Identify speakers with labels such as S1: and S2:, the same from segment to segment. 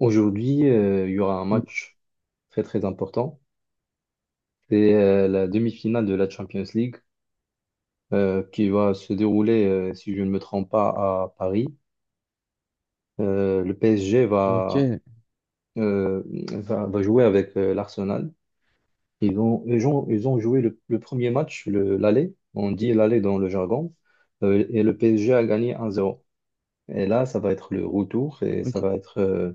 S1: Aujourd'hui, il y aura un
S2: Mm.
S1: match très très important. C'est la demi-finale de la Champions League qui va se dérouler, si je ne me trompe pas, à Paris. Le PSG
S2: Ok,
S1: euh, va jouer avec l'Arsenal. Ils ont joué le premier match, l'aller. On dit l'aller dans le jargon. Et le PSG a gagné 1-0. Et là, ça va être le retour et ça
S2: ok,
S1: va être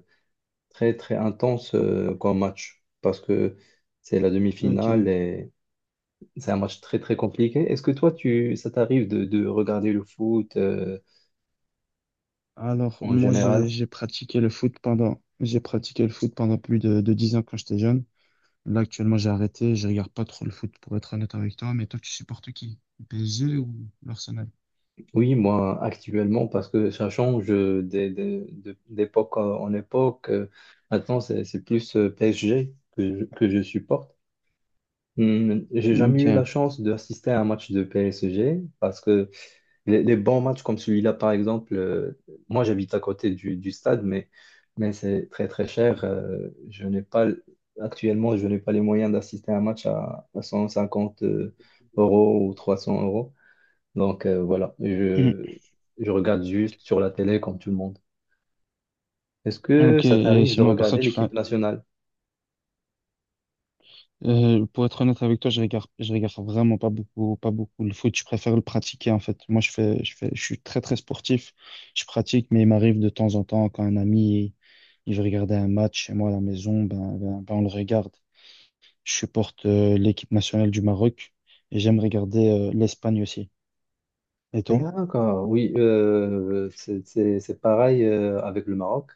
S1: très très intense comme match parce que c'est la demi-finale.
S2: ok.
S1: C'est un match très très compliqué. Est-ce que toi, ça t'arrive de regarder le foot
S2: Alors,
S1: en
S2: moi,
S1: général?
S2: j'ai pratiqué le foot pendant plus de 10 ans quand j'étais jeune. Là, actuellement, j'ai arrêté. Je regarde pas trop le foot pour être honnête avec toi. Mais toi, tu supportes qui? Le PSG ou l'Arsenal?
S1: Oui, moi actuellement, parce que ça change d'époque en époque. Maintenant, c'est plus PSG que que je supporte. J'ai jamais eu la
S2: Ok.
S1: chance d'assister à un match de PSG parce que les bons matchs comme celui-là, par exemple, moi j'habite à côté du stade, mais c'est très très cher. Je n'ai pas, actuellement, je n'ai pas les moyens d'assister à un match à 150 € ou 300 euros. Donc voilà,
S2: Mm.
S1: je regarde juste sur la télé comme tout le monde. Est-ce que
S2: Ok.
S1: ça
S2: Et
S1: t'arrive de
S2: sinon, à part ça,
S1: regarder
S2: tu fais.
S1: l'équipe nationale?
S2: Pour être honnête avec toi, je regarde vraiment pas beaucoup, pas beaucoup le foot. Je préfère le pratiquer en fait. Moi, je suis très très sportif. Je pratique, mais il m'arrive de temps en temps quand un ami il veut regarder un match chez moi à la maison, ben, ben, ben, on le regarde. Je supporte l'équipe nationale du Maroc et j'aime regarder l'Espagne aussi. Et toi?
S1: D'accord, oui, c'est pareil avec le Maroc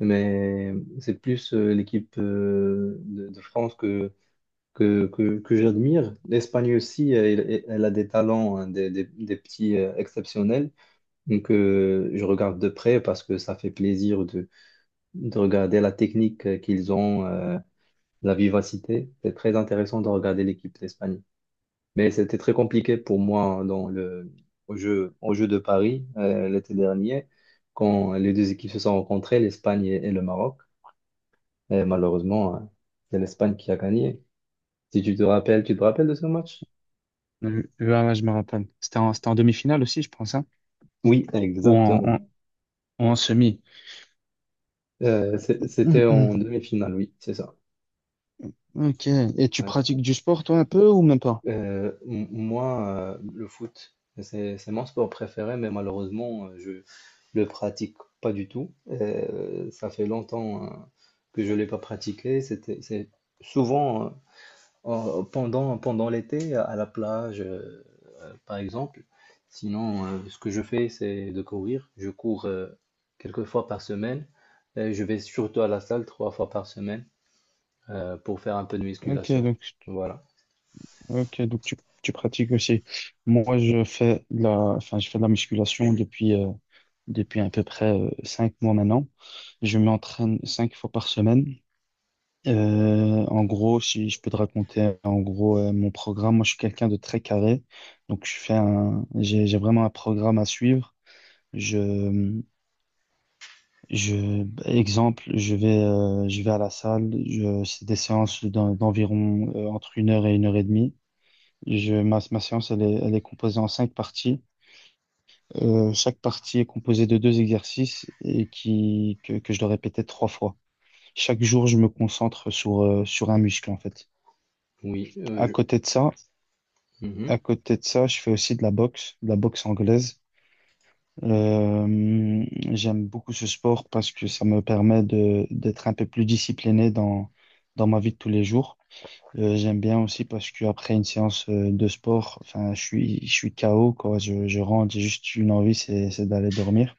S1: mais c'est plus l'équipe de France que j'admire. L'Espagne aussi, elle a des talents, hein, des petits exceptionnels. Donc, je regarde de près parce que ça fait plaisir de regarder la technique qu'ils ont, la vivacité. C'est très intéressant de regarder l'équipe d'Espagne. Mais c'était très compliqué pour moi hein, au jeu de Paris l'été dernier, quand les deux équipes se sont rencontrées, l'Espagne et le Maroc. Et malheureusement, hein, c'est l'Espagne qui a gagné. Si tu te rappelles de ce match?
S2: Ouais, ouais, je me rappelle. C'était en demi-finale aussi, je pense, hein?
S1: Oui,
S2: Ou en,
S1: exactement.
S2: en, ou en semi.
S1: C'était
S2: Hum,
S1: en
S2: hum.
S1: demi-finale, oui, c'est ça.
S2: Ok. Et tu
S1: Voilà.
S2: pratiques du sport toi un peu ou même pas?
S1: Moi, le foot, c'est mon sport préféré, mais malheureusement, je le pratique pas du tout. Ça fait longtemps que je l'ai pas pratiqué. C'était, c'est souvent pendant l'été, à la plage, par exemple. Sinon, ce que je fais, c'est de courir. Je cours quelques fois par semaine. Et je vais surtout à la salle trois fois par semaine. Pour faire un peu de
S2: Ok,
S1: musculation.
S2: donc
S1: Voilà.
S2: Ok, donc tu pratiques aussi. Moi, je fais de la, enfin, je fais de la musculation depuis à peu près 5 mois maintenant. Je m'entraîne cinq fois par semaine. En gros, si je peux te raconter, en gros, mon programme, moi, je suis quelqu'un de très carré. Donc, je fais un, j'ai vraiment un programme à suivre. Je, exemple, je vais à la salle. C'est des séances d'environ entre une heure et demie. Ma séance, elle est composée en cinq parties. Chaque partie est composée de deux exercices et que je dois répéter trois fois. Chaque jour, je me concentre sur un muscle, en fait.
S1: Oui,
S2: À côté de ça,
S1: mhm.
S2: à côté de ça, je fais aussi de la boxe anglaise. Euh, j'aime beaucoup ce sport parce que ça me permet d'être un peu plus discipliné dans ma vie de tous les jours. J'aime bien aussi parce qu'après une séance de sport, enfin, je suis KO, quoi. Je rentre, j'ai juste une envie, c'est d'aller dormir.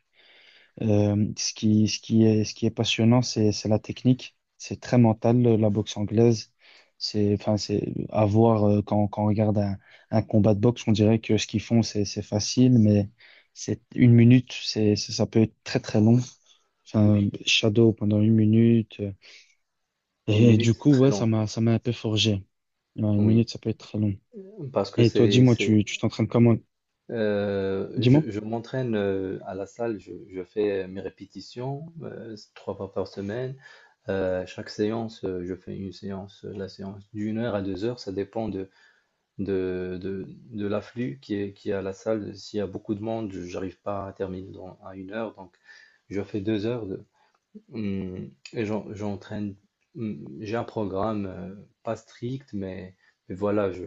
S2: Ce qui est passionnant, c'est la technique. C'est très mental, la boxe anglaise. C'est, enfin, c'est à voir quand on regarde un combat de boxe, on dirait que ce qu'ils font, c'est facile, mais c'est une minute, ça peut être très, très long. Enfin, Shadow pendant une minute. euh,
S1: Huit
S2: et du
S1: minutes, c'est
S2: coup,
S1: très
S2: ouais, ça
S1: long.
S2: m'a, ça m'a un peu forgé. Ouais, une
S1: Oui,
S2: minute, ça peut être très long.
S1: parce que
S2: Et toi, dis-moi, tu t'entraînes comment?
S1: je,
S2: Dis-moi.
S1: je m'entraîne à la salle, je fais mes répétitions trois fois par semaine. Chaque séance, je fais une séance, la séance d'une heure à deux heures, ça dépend de l'afflux qui est à la salle. S'il y a beaucoup de monde, je n'arrive pas à terminer à une heure, donc je fais deux heures. Et j'ai un programme pas strict, mais voilà,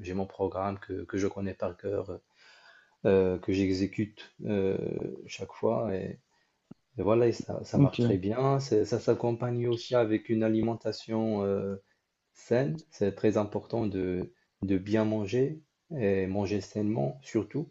S1: j'ai mon programme que je connais par cœur, que j'exécute chaque fois, et voilà, et ça marche très
S2: Ok.
S1: bien. Ça s'accompagne aussi avec une alimentation saine. C'est très important de bien manger et manger sainement, surtout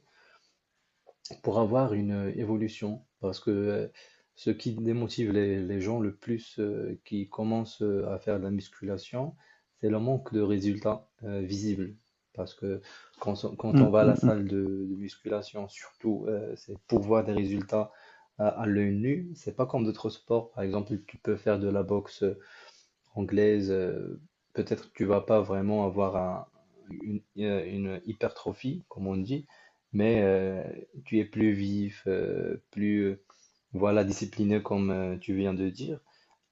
S1: pour avoir une évolution. Parce que ce qui démotive les gens le plus qui commencent à faire de la musculation, c'est le manque de résultats visibles. Parce que quand on
S2: Hum,
S1: va à la
S2: hum,
S1: salle
S2: hum.
S1: de musculation, surtout, c'est pour voir des résultats à l'œil nu. C'est pas comme d'autres sports. Par exemple, tu peux faire de la boxe anglaise, peut-être que tu vas pas vraiment avoir une hypertrophie, comme on dit, mais tu es plus vif, plus voilà, discipliné comme tu viens de dire.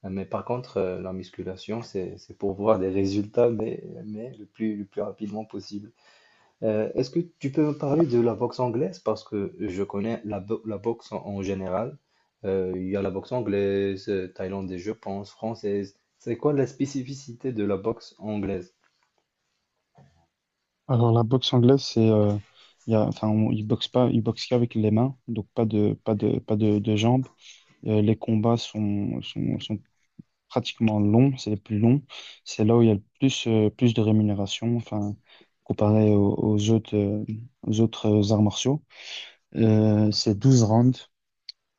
S1: Mais par contre, la musculation, c'est pour voir des résultats, mais le plus rapidement possible. Est-ce que tu peux me parler de la boxe anglaise? Parce que je connais la boxe en général. Il y a la boxe anglaise, thaïlandaise, je pense, française. C'est quoi la spécificité de la boxe anglaise?
S2: Alors, la boxe anglaise, c'est, il y a, enfin, ils boxent pas, ils boxent qu'avec les mains, donc pas de jambes. Les combats sont pratiquement longs, c'est les plus longs. C'est là où il y a le plus de rémunération, enfin, comparé aux autres arts martiaux. C'est 12 rounds.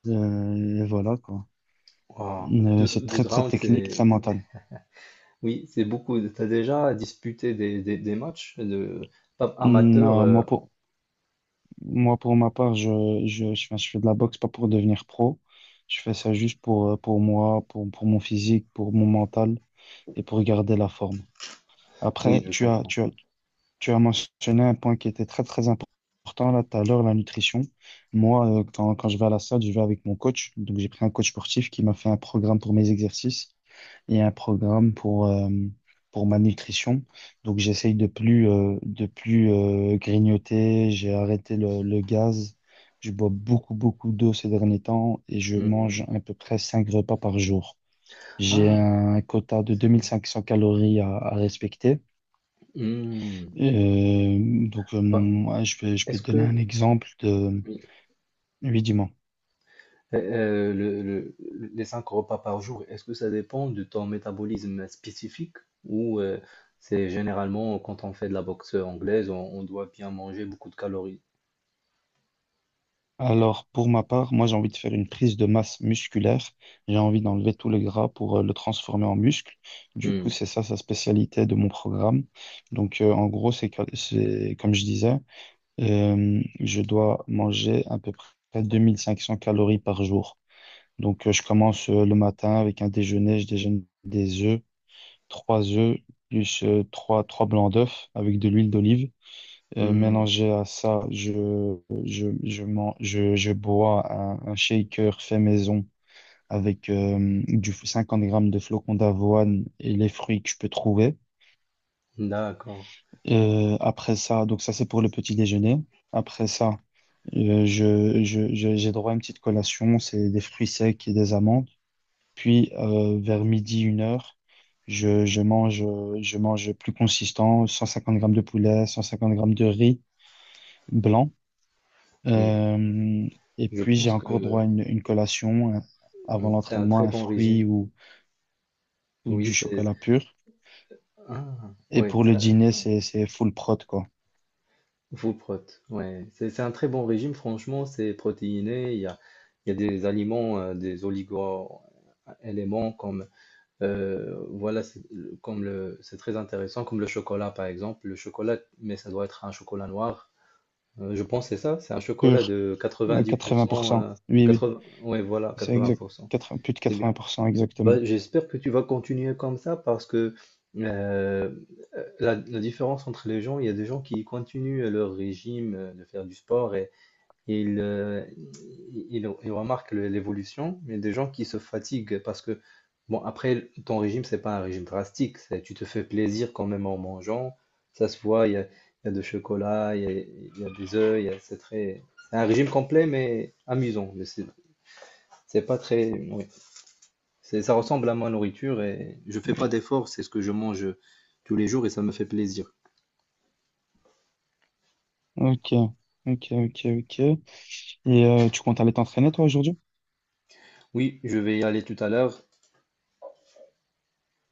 S2: Et voilà, quoi.
S1: Wow.
S2: Euh,
S1: Deux,
S2: c'est très,
S1: deux
S2: très
S1: rounds,
S2: technique, très
S1: c'est.
S2: mental.
S1: Oui, c'est beaucoup. T'as déjà disputé des matchs de pas amateurs?
S2: Non, moi, pour ma part, je fais de la boxe pas pour devenir pro. Je fais ça juste pour moi, pour mon physique, pour mon mental et pour garder la forme.
S1: Oui,
S2: Après,
S1: je
S2: tu as,
S1: comprends.
S2: tu as, tu as mentionné un point qui était très, très important là tout à l'heure, la nutrition. Moi, quand je vais à la salle, je vais avec mon coach. Donc, j'ai pris un coach sportif qui m'a fait un programme pour mes exercices. Et un programme pour ma nutrition. Donc j'essaye de plus grignoter, j'ai arrêté le gaz, je bois beaucoup, beaucoup d'eau ces derniers temps et je
S1: Hmm.
S2: mange à peu près 5 repas par jour. J'ai
S1: Ah,
S2: un quota de deux mille
S1: c'est.
S2: cinq cents calories à respecter.
S1: Hmm.
S2: Euh, donc euh,
S1: Pas-
S2: mon- ouais, je peux
S1: Est-ce
S2: te donner un
S1: que,
S2: exemple de.
S1: oui.
S2: Oui, dis.
S1: Euh, euh, le- le- les cinq repas par jour, est-ce que ça dépend de ton métabolisme spécifique ou c'est généralement quand on fait de la boxe anglaise, on doit bien manger beaucoup de calories?
S2: Alors, pour ma part, moi, j'ai envie de faire une prise de masse musculaire. J'ai envie d'enlever tout le gras pour le transformer en muscle. Du coup,
S1: Hmm.
S2: c'est ça sa spécialité de mon programme. En gros, c'est comme je disais, je dois manger à peu près 2 500 calories par jour. Donc, je commence le matin avec un déjeuner. Je déjeune des œufs, trois œufs, plus trois blancs d'œufs avec de l'huile d'olive. Euh,
S1: Hmm.
S2: mélangé à ça, je bois un shaker fait maison avec du 50 grammes de flocons d'avoine et les fruits que je peux trouver.
S1: D'accord,
S2: Après ça, donc ça c'est pour le petit déjeuner. Après ça, j'ai droit à une petite collation, c'est des fruits secs et des amandes. Puis vers midi, une heure, je, je mange, je mange plus consistant, 150 grammes de poulet, 150 grammes de riz blanc.
S1: oui.
S2: Euh, et
S1: Je
S2: puis, j'ai
S1: pense que
S2: encore droit à une collation avant
S1: oui, c'est un
S2: l'entraînement,
S1: très
S2: un
S1: bon régime.
S2: fruit ou,
S1: Oui,
S2: du
S1: c'est
S2: chocolat pur.
S1: ah,
S2: Et
S1: ouais,
S2: pour le
S1: ça,
S2: dîner, c'est full prot, quoi.
S1: full prot. Ouais, c'est un très bon régime. Franchement, c'est protéiné. Il y a des aliments, des oligo-éléments comme voilà, c'est comme le, c'est très intéressant, comme le chocolat par exemple. Le chocolat, mais ça doit être un chocolat noir. Je pense que c'est ça, c'est un chocolat
S2: Pur,
S1: de
S2: à quatre-vingts pour
S1: 90%,
S2: cent. Oui, oui,
S1: 80, ouais, voilà,
S2: c'est exact.
S1: 80%.
S2: 80 plus de
S1: C'est
S2: quatre-vingts
S1: bien.
S2: pour cent
S1: Bah,
S2: exactement.
S1: j'espère que tu vas continuer comme ça parce que euh, la différence entre les gens, il y a des gens qui continuent leur régime de faire du sport et il, euh, il remarque l'évolution, mais des gens qui se fatiguent parce que, bon, après, ton régime, c'est pas un régime drastique, tu te fais plaisir quand même en mangeant, ça se voit, il y a du chocolat, il y a des œufs, c'est très. C'est un régime complet, mais amusant, mais c'est pas très. Oui. Ça ressemble à ma nourriture et je fais pas d'efforts, c'est ce que je mange tous les jours et ça me fait plaisir.
S2: Ok, ok, ok, ok. Et tu comptes aller t'entraîner, toi, aujourd'hui?
S1: Oui, je vais y aller tout à l'heure.